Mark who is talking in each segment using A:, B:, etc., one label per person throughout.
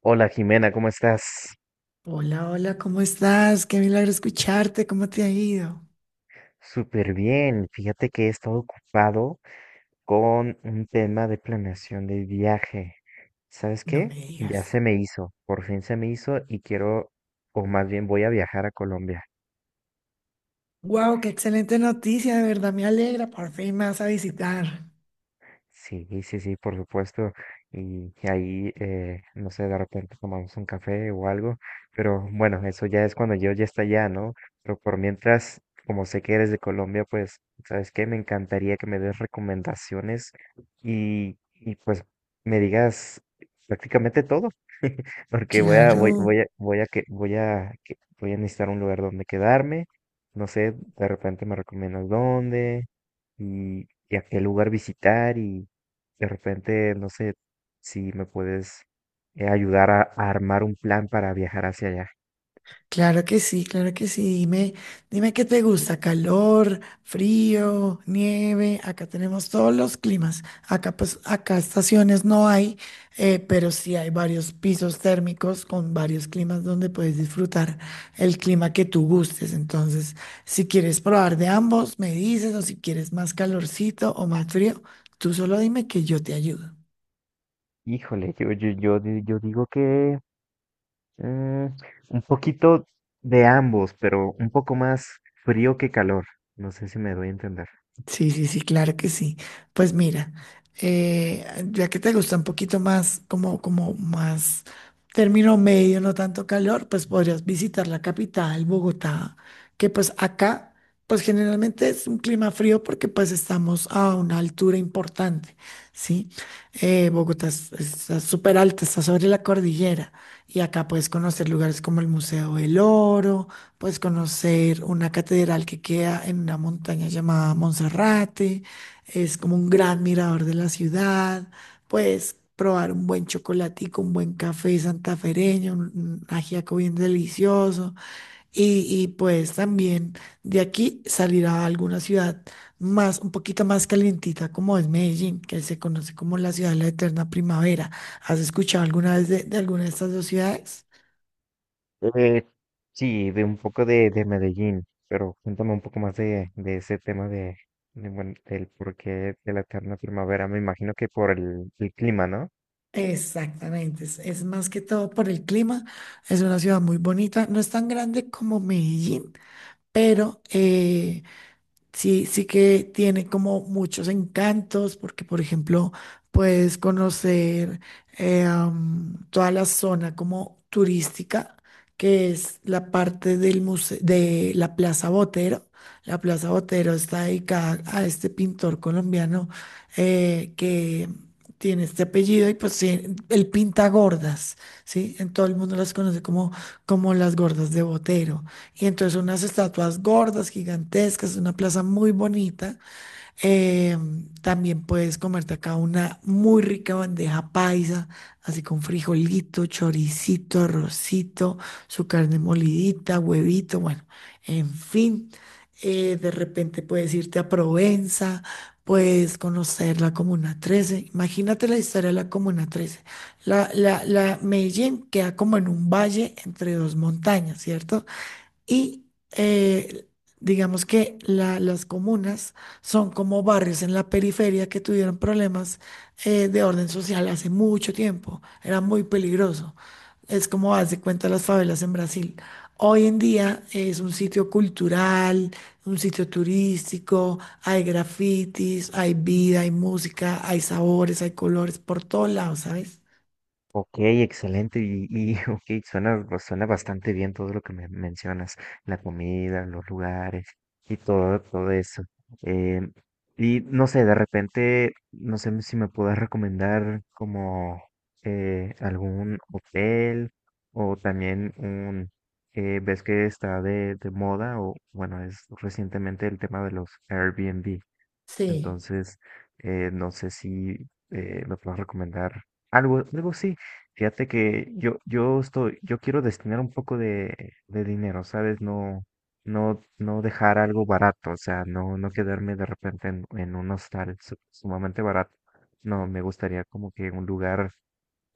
A: Hola Jimena, ¿cómo estás?
B: Hola, hola, ¿cómo estás? Qué milagro escucharte, ¿cómo te ha ido?
A: Súper bien. Fíjate que he estado ocupado con un tema de planeación de viaje. ¿Sabes
B: No me
A: qué?
B: digas.
A: Ya se me hizo, por fin se me hizo y quiero, o más bien voy a viajar a Colombia.
B: Wow, qué excelente noticia, de verdad me alegra, por fin me vas a visitar.
A: Sí, sí, sí, por supuesto. Y que ahí, no sé, de repente tomamos un café o algo. Pero bueno, eso ya es cuando yo ya está allá, ¿no? Pero por mientras, como sé que eres de Colombia, pues, ¿sabes qué? Me encantaría que me des recomendaciones y pues me digas prácticamente todo. Porque
B: Claro.
A: voy a, voy a que, voy a, que- voy a necesitar un lugar donde quedarme. No sé, de repente me recomiendas dónde y a qué lugar visitar y de repente, no sé si me puedes ayudar a armar un plan para viajar hacia allá.
B: Claro que sí, claro que sí. Dime, dime qué te gusta, calor, frío, nieve. Acá tenemos todos los climas. Acá, pues, acá estaciones no hay, pero sí hay varios pisos térmicos con varios climas donde puedes disfrutar el clima que tú gustes. Entonces, si quieres probar de ambos, me dices, o si quieres más calorcito o más frío, tú solo dime que yo te ayudo.
A: Híjole, yo digo que mm, un poquito de ambos, pero un poco más frío que calor. No sé si me doy a entender.
B: Sí, sí, sí, claro que sí. Pues mira, eh, ya que te gusta un poquito más, como, como más término medio, no tanto calor, pues podrías visitar la capital, Bogotá, que pues acá, pues generalmente es un clima frío porque pues estamos a una altura importante, ¿sí? Está súper alta, está sobre la cordillera y acá puedes conocer lugares como el Museo del Oro. Puedes conocer una catedral que queda en una montaña llamada Monserrate, es como un gran mirador de la ciudad. Puedes probar un buen chocolatico, un buen café santafereño, un ajiaco bien delicioso. Y puedes también de aquí salir a alguna ciudad más, un poquito más calientita, como es Medellín, que se conoce como la ciudad de la eterna primavera. ¿Has escuchado alguna vez de alguna de estas dos ciudades?
A: Eh, sí, de un poco de Medellín, pero cuéntame un poco más de ese tema bueno, del porqué de la eterna primavera. Me imagino que por el clima, ¿no?
B: Exactamente, es más que todo por el clima, es una ciudad muy bonita, no es tan grande como Medellín, pero sí, sí que tiene como muchos encantos, porque por ejemplo puedes conocer toda la zona como turística, que es la parte de la Plaza Botero. La Plaza Botero está dedicada a este pintor colombiano que tiene este apellido y pues él pinta gordas, ¿sí? En todo el mundo las conoce como, como las gordas de Botero. Y entonces unas estatuas gordas, gigantescas, una plaza muy bonita. También puedes comerte acá una muy rica bandeja paisa, así con frijolito, choricito, arrocito, su carne molidita, huevito, bueno, en fin. De repente puedes irte a Provenza, puedes conocer la Comuna Trece. Imagínate la historia de la Comuna Trece. La, la, la Medellín queda como en un valle entre dos montañas, ¿cierto? Y eh, digamos que las comunas son como barrios en la periferia que tuvieron problemas de orden social hace mucho tiempo. Era muy peligroso. Es como hace cuenta las favelas en Brasil. Hoy en día es un sitio cultural, un sitio turístico, hay grafitis, hay vida, hay música, hay sabores, hay colores por todos lados, ¿sabes?
A: Ok, excelente. Y ok, suena bastante bien todo lo que me mencionas, la comida, los lugares y todo, todo eso. Eh, y no sé, de repente, no sé si me puedes recomendar como algún hotel o también un, ves que está de moda o bueno, es recientemente el tema de los Airbnb.
B: Sí,
A: Entonces, no sé si me puedes recomendar algo sí. Fíjate que yo quiero destinar un poco de dinero, ¿sabes? No, no dejar algo barato, o sea, no quedarme de repente en un hostal sumamente barato. No, me gustaría como que un lugar,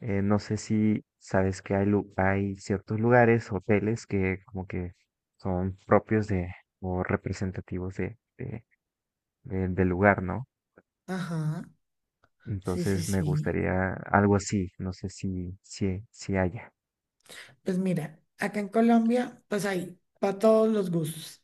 A: no sé si sabes que hay, hay ciertos lugares, hoteles que como que son propios de, o representativos del lugar, ¿no?
B: ajá, sí, sí,
A: Entonces me
B: sí.
A: gustaría algo así, no sé si haya.
B: Pues mira, acá en Colombia, pues hay para todos los gustos.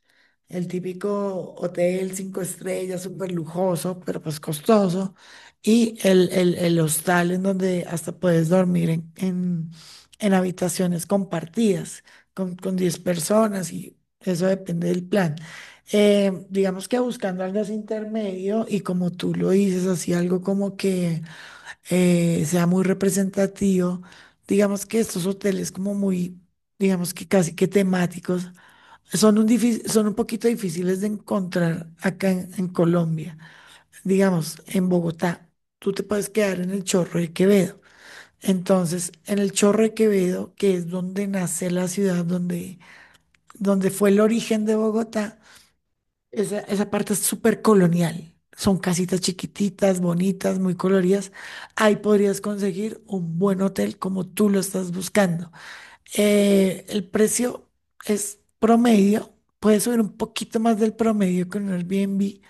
B: El típico hotel 5 estrellas, súper lujoso, pero pues costoso. Y el hostal en donde hasta puedes dormir en habitaciones compartidas con 10 personas y eso depende del plan. Digamos que buscando algo así intermedio y como tú lo dices, así algo como que sea muy representativo. Digamos que estos hoteles como muy, digamos que casi que temáticos, son son un poquito difíciles de encontrar acá en Colombia. Digamos, en Bogotá, tú te puedes quedar en el Chorro de Quevedo. Entonces, en el Chorro de Quevedo, que es donde nace la ciudad, donde, donde fue el origen de Bogotá, esa parte es súper colonial. Son casitas chiquititas, bonitas, muy coloridas. Ahí podrías conseguir un buen hotel como tú lo estás buscando. El precio es promedio. Puedes subir un poquito más del promedio con un Airbnb,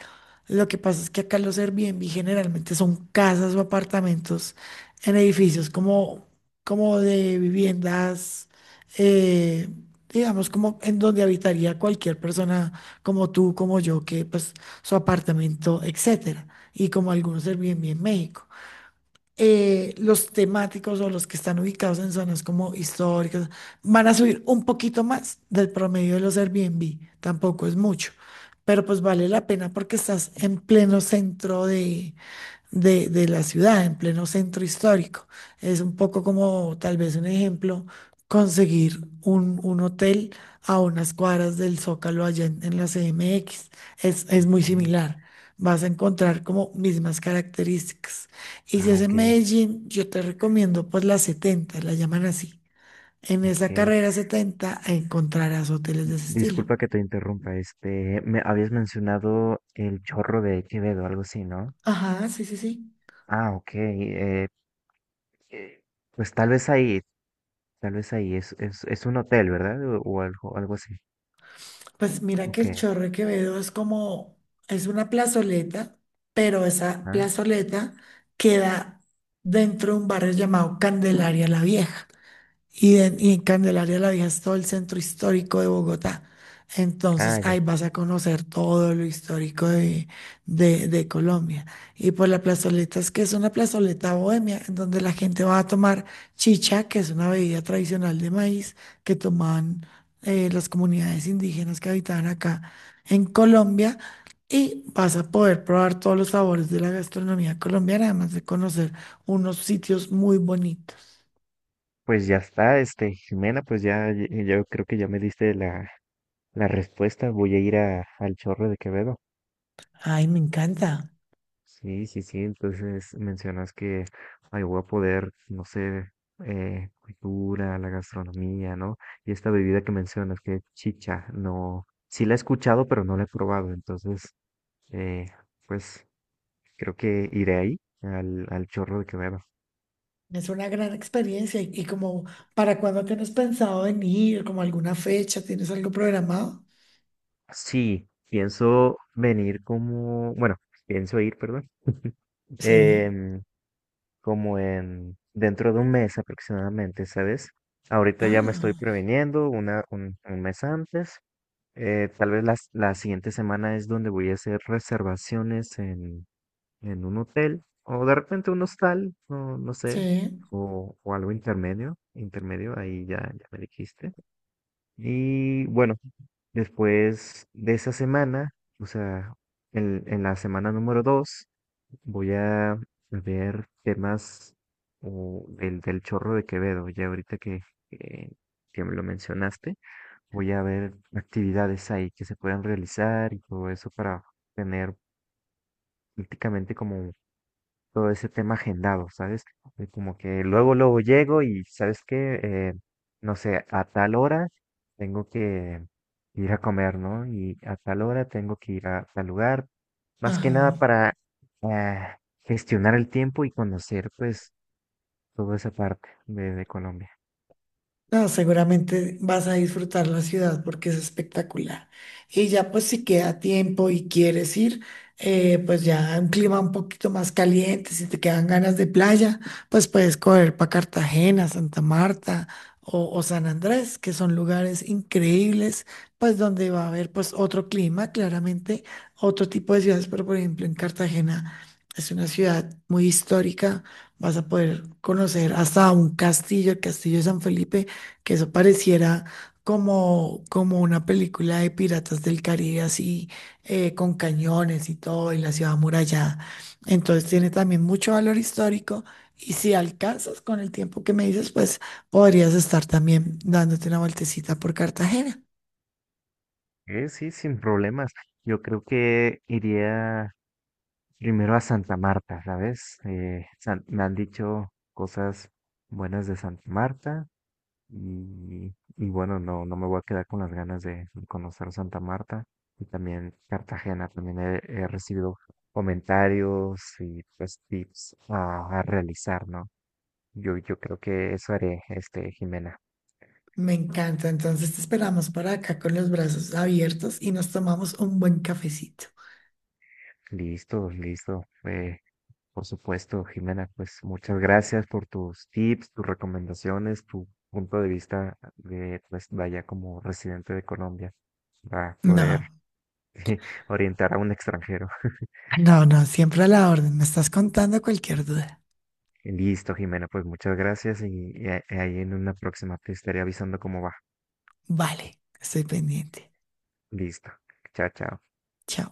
B: lo que pasa es que acá los Airbnb generalmente son casas o apartamentos en edificios como, como de viviendas, eh, digamos, como en donde habitaría cualquier persona como tú, como yo, que pues su apartamento, etcétera. Y como algunos Airbnb en México los temáticos o los que están ubicados en zonas como históricas van a subir un poquito más del promedio de los Airbnb. Tampoco es mucho, pero pues vale la pena porque estás en pleno centro de la ciudad, en pleno centro histórico. Es un poco como tal vez un ejemplo, conseguir un hotel a unas cuadras del Zócalo allá en la CMX. Es muy
A: ¿Eh?
B: similar. Vas a encontrar como mismas características. Y si
A: Ah,
B: es
A: ok,
B: en Medellín, yo te recomiendo pues la 70 la llaman así. En esa
A: ok.
B: carrera 70 encontrarás hoteles de ese estilo.
A: Disculpa que te interrumpa, este, me habías mencionado el Chorro de Quevedo, algo así, ¿no?
B: Ajá, sí, sí, sí.
A: Ah, ok, eh, pues tal vez ahí, es un hotel, ¿verdad? O algo, algo así.
B: Pues mira que
A: Ok,
B: el Chorro Quevedo es como, es una plazoleta, pero esa
A: ah,
B: plazoleta queda dentro de un barrio llamado Candelaria la Vieja y, en Candelaria la Vieja es todo el centro histórico de Bogotá. Entonces ahí
A: ya.
B: vas a conocer todo lo histórico de Colombia. Y por la plazoleta es que es una plazoleta bohemia, en donde la gente va a tomar chicha, que es una bebida tradicional de maíz que tomaban las comunidades indígenas que habitaban acá en Colombia. Y vas a poder probar todos los sabores de la gastronomía colombiana, además de conocer unos sitios muy bonitos.
A: Pues ya está, este, Jimena, pues yo creo que ya me diste la respuesta, voy a ir a, al Chorro de Quevedo.
B: Ay, me encanta.
A: Sí, sí, sí. Entonces mencionas que ahí voy a poder, no sé, cultura, la gastronomía, ¿no? Y esta bebida que mencionas, que es chicha, no, sí la he escuchado, pero no la he probado. Entonces, eh, pues creo que iré ahí al Chorro de Quevedo.
B: Es una gran experiencia y como para cuándo tienes pensado venir, como alguna fecha, ¿tienes algo programado?
A: Sí, pienso venir como, bueno, pienso ir, perdón,
B: Sí.
A: em, como en dentro de un mes aproximadamente, ¿sabes? Ahorita ya me estoy
B: Ah,
A: previniendo un mes antes. Tal vez las la siguiente semana es donde voy a hacer reservaciones en un hotel o de repente un hostal, no sé,
B: sí.
A: o algo intermedio, intermedio, ahí ya, ya me dijiste. Y bueno, después de esa semana, o sea, en la semana número 2, voy a ver temas o del Chorro de Quevedo, ya ahorita que, que me lo mencionaste, voy a ver actividades ahí que se puedan realizar y todo eso para tener prácticamente como todo ese tema agendado, ¿sabes? Y como que luego, luego llego y, ¿sabes qué? No sé, a tal hora tengo que ir a comer, ¿no? Y a tal hora tengo que ir a tal lugar, más que nada
B: Ajá.
A: para eh, gestionar el tiempo y conocer, pues, toda esa parte de Colombia.
B: No, seguramente vas a disfrutar la ciudad porque es espectacular. Y ya pues si queda tiempo y quieres ir, pues ya un clima un poquito más caliente, si te quedan ganas de playa, pues puedes correr para Cartagena, Santa Marta o San Andrés, que son lugares increíbles, pues donde va a haber pues otro clima, claramente, otro tipo de ciudades, pero por ejemplo en Cartagena es una ciudad muy histórica, vas a poder conocer hasta un castillo, el Castillo de San Felipe que eso pareciera como, como una película de Piratas del Caribe, así con cañones y todo, y la ciudad amurallada. Entonces tiene también mucho valor histórico y si alcanzas con el tiempo que me dices, pues podrías estar también dándote una vueltecita por Cartagena.
A: Sí, sin problemas. Yo creo que iría primero a Santa Marta, ¿sabes? Me han dicho cosas buenas de Santa Marta y bueno, no, no me voy a quedar con las ganas de conocer Santa Marta y también Cartagena. También he recibido comentarios y pues tips a realizar, ¿no? Yo creo que eso haré, este, Jimena.
B: Me encanta, entonces te esperamos para acá con los brazos abiertos y nos tomamos un buen cafecito.
A: Listo, listo. Por supuesto, Jimena, pues muchas gracias por tus tips, tus recomendaciones, tu punto de vista de, pues, vaya como residente de Colombia para
B: No,
A: poder orientar a un extranjero.
B: no, no, siempre a la orden. Me estás contando cualquier duda.
A: Listo, Jimena, pues muchas gracias y ahí en una próxima te estaré avisando cómo va.
B: Vale, estoy pendiente.
A: Listo. Chao, chao.
B: Chao.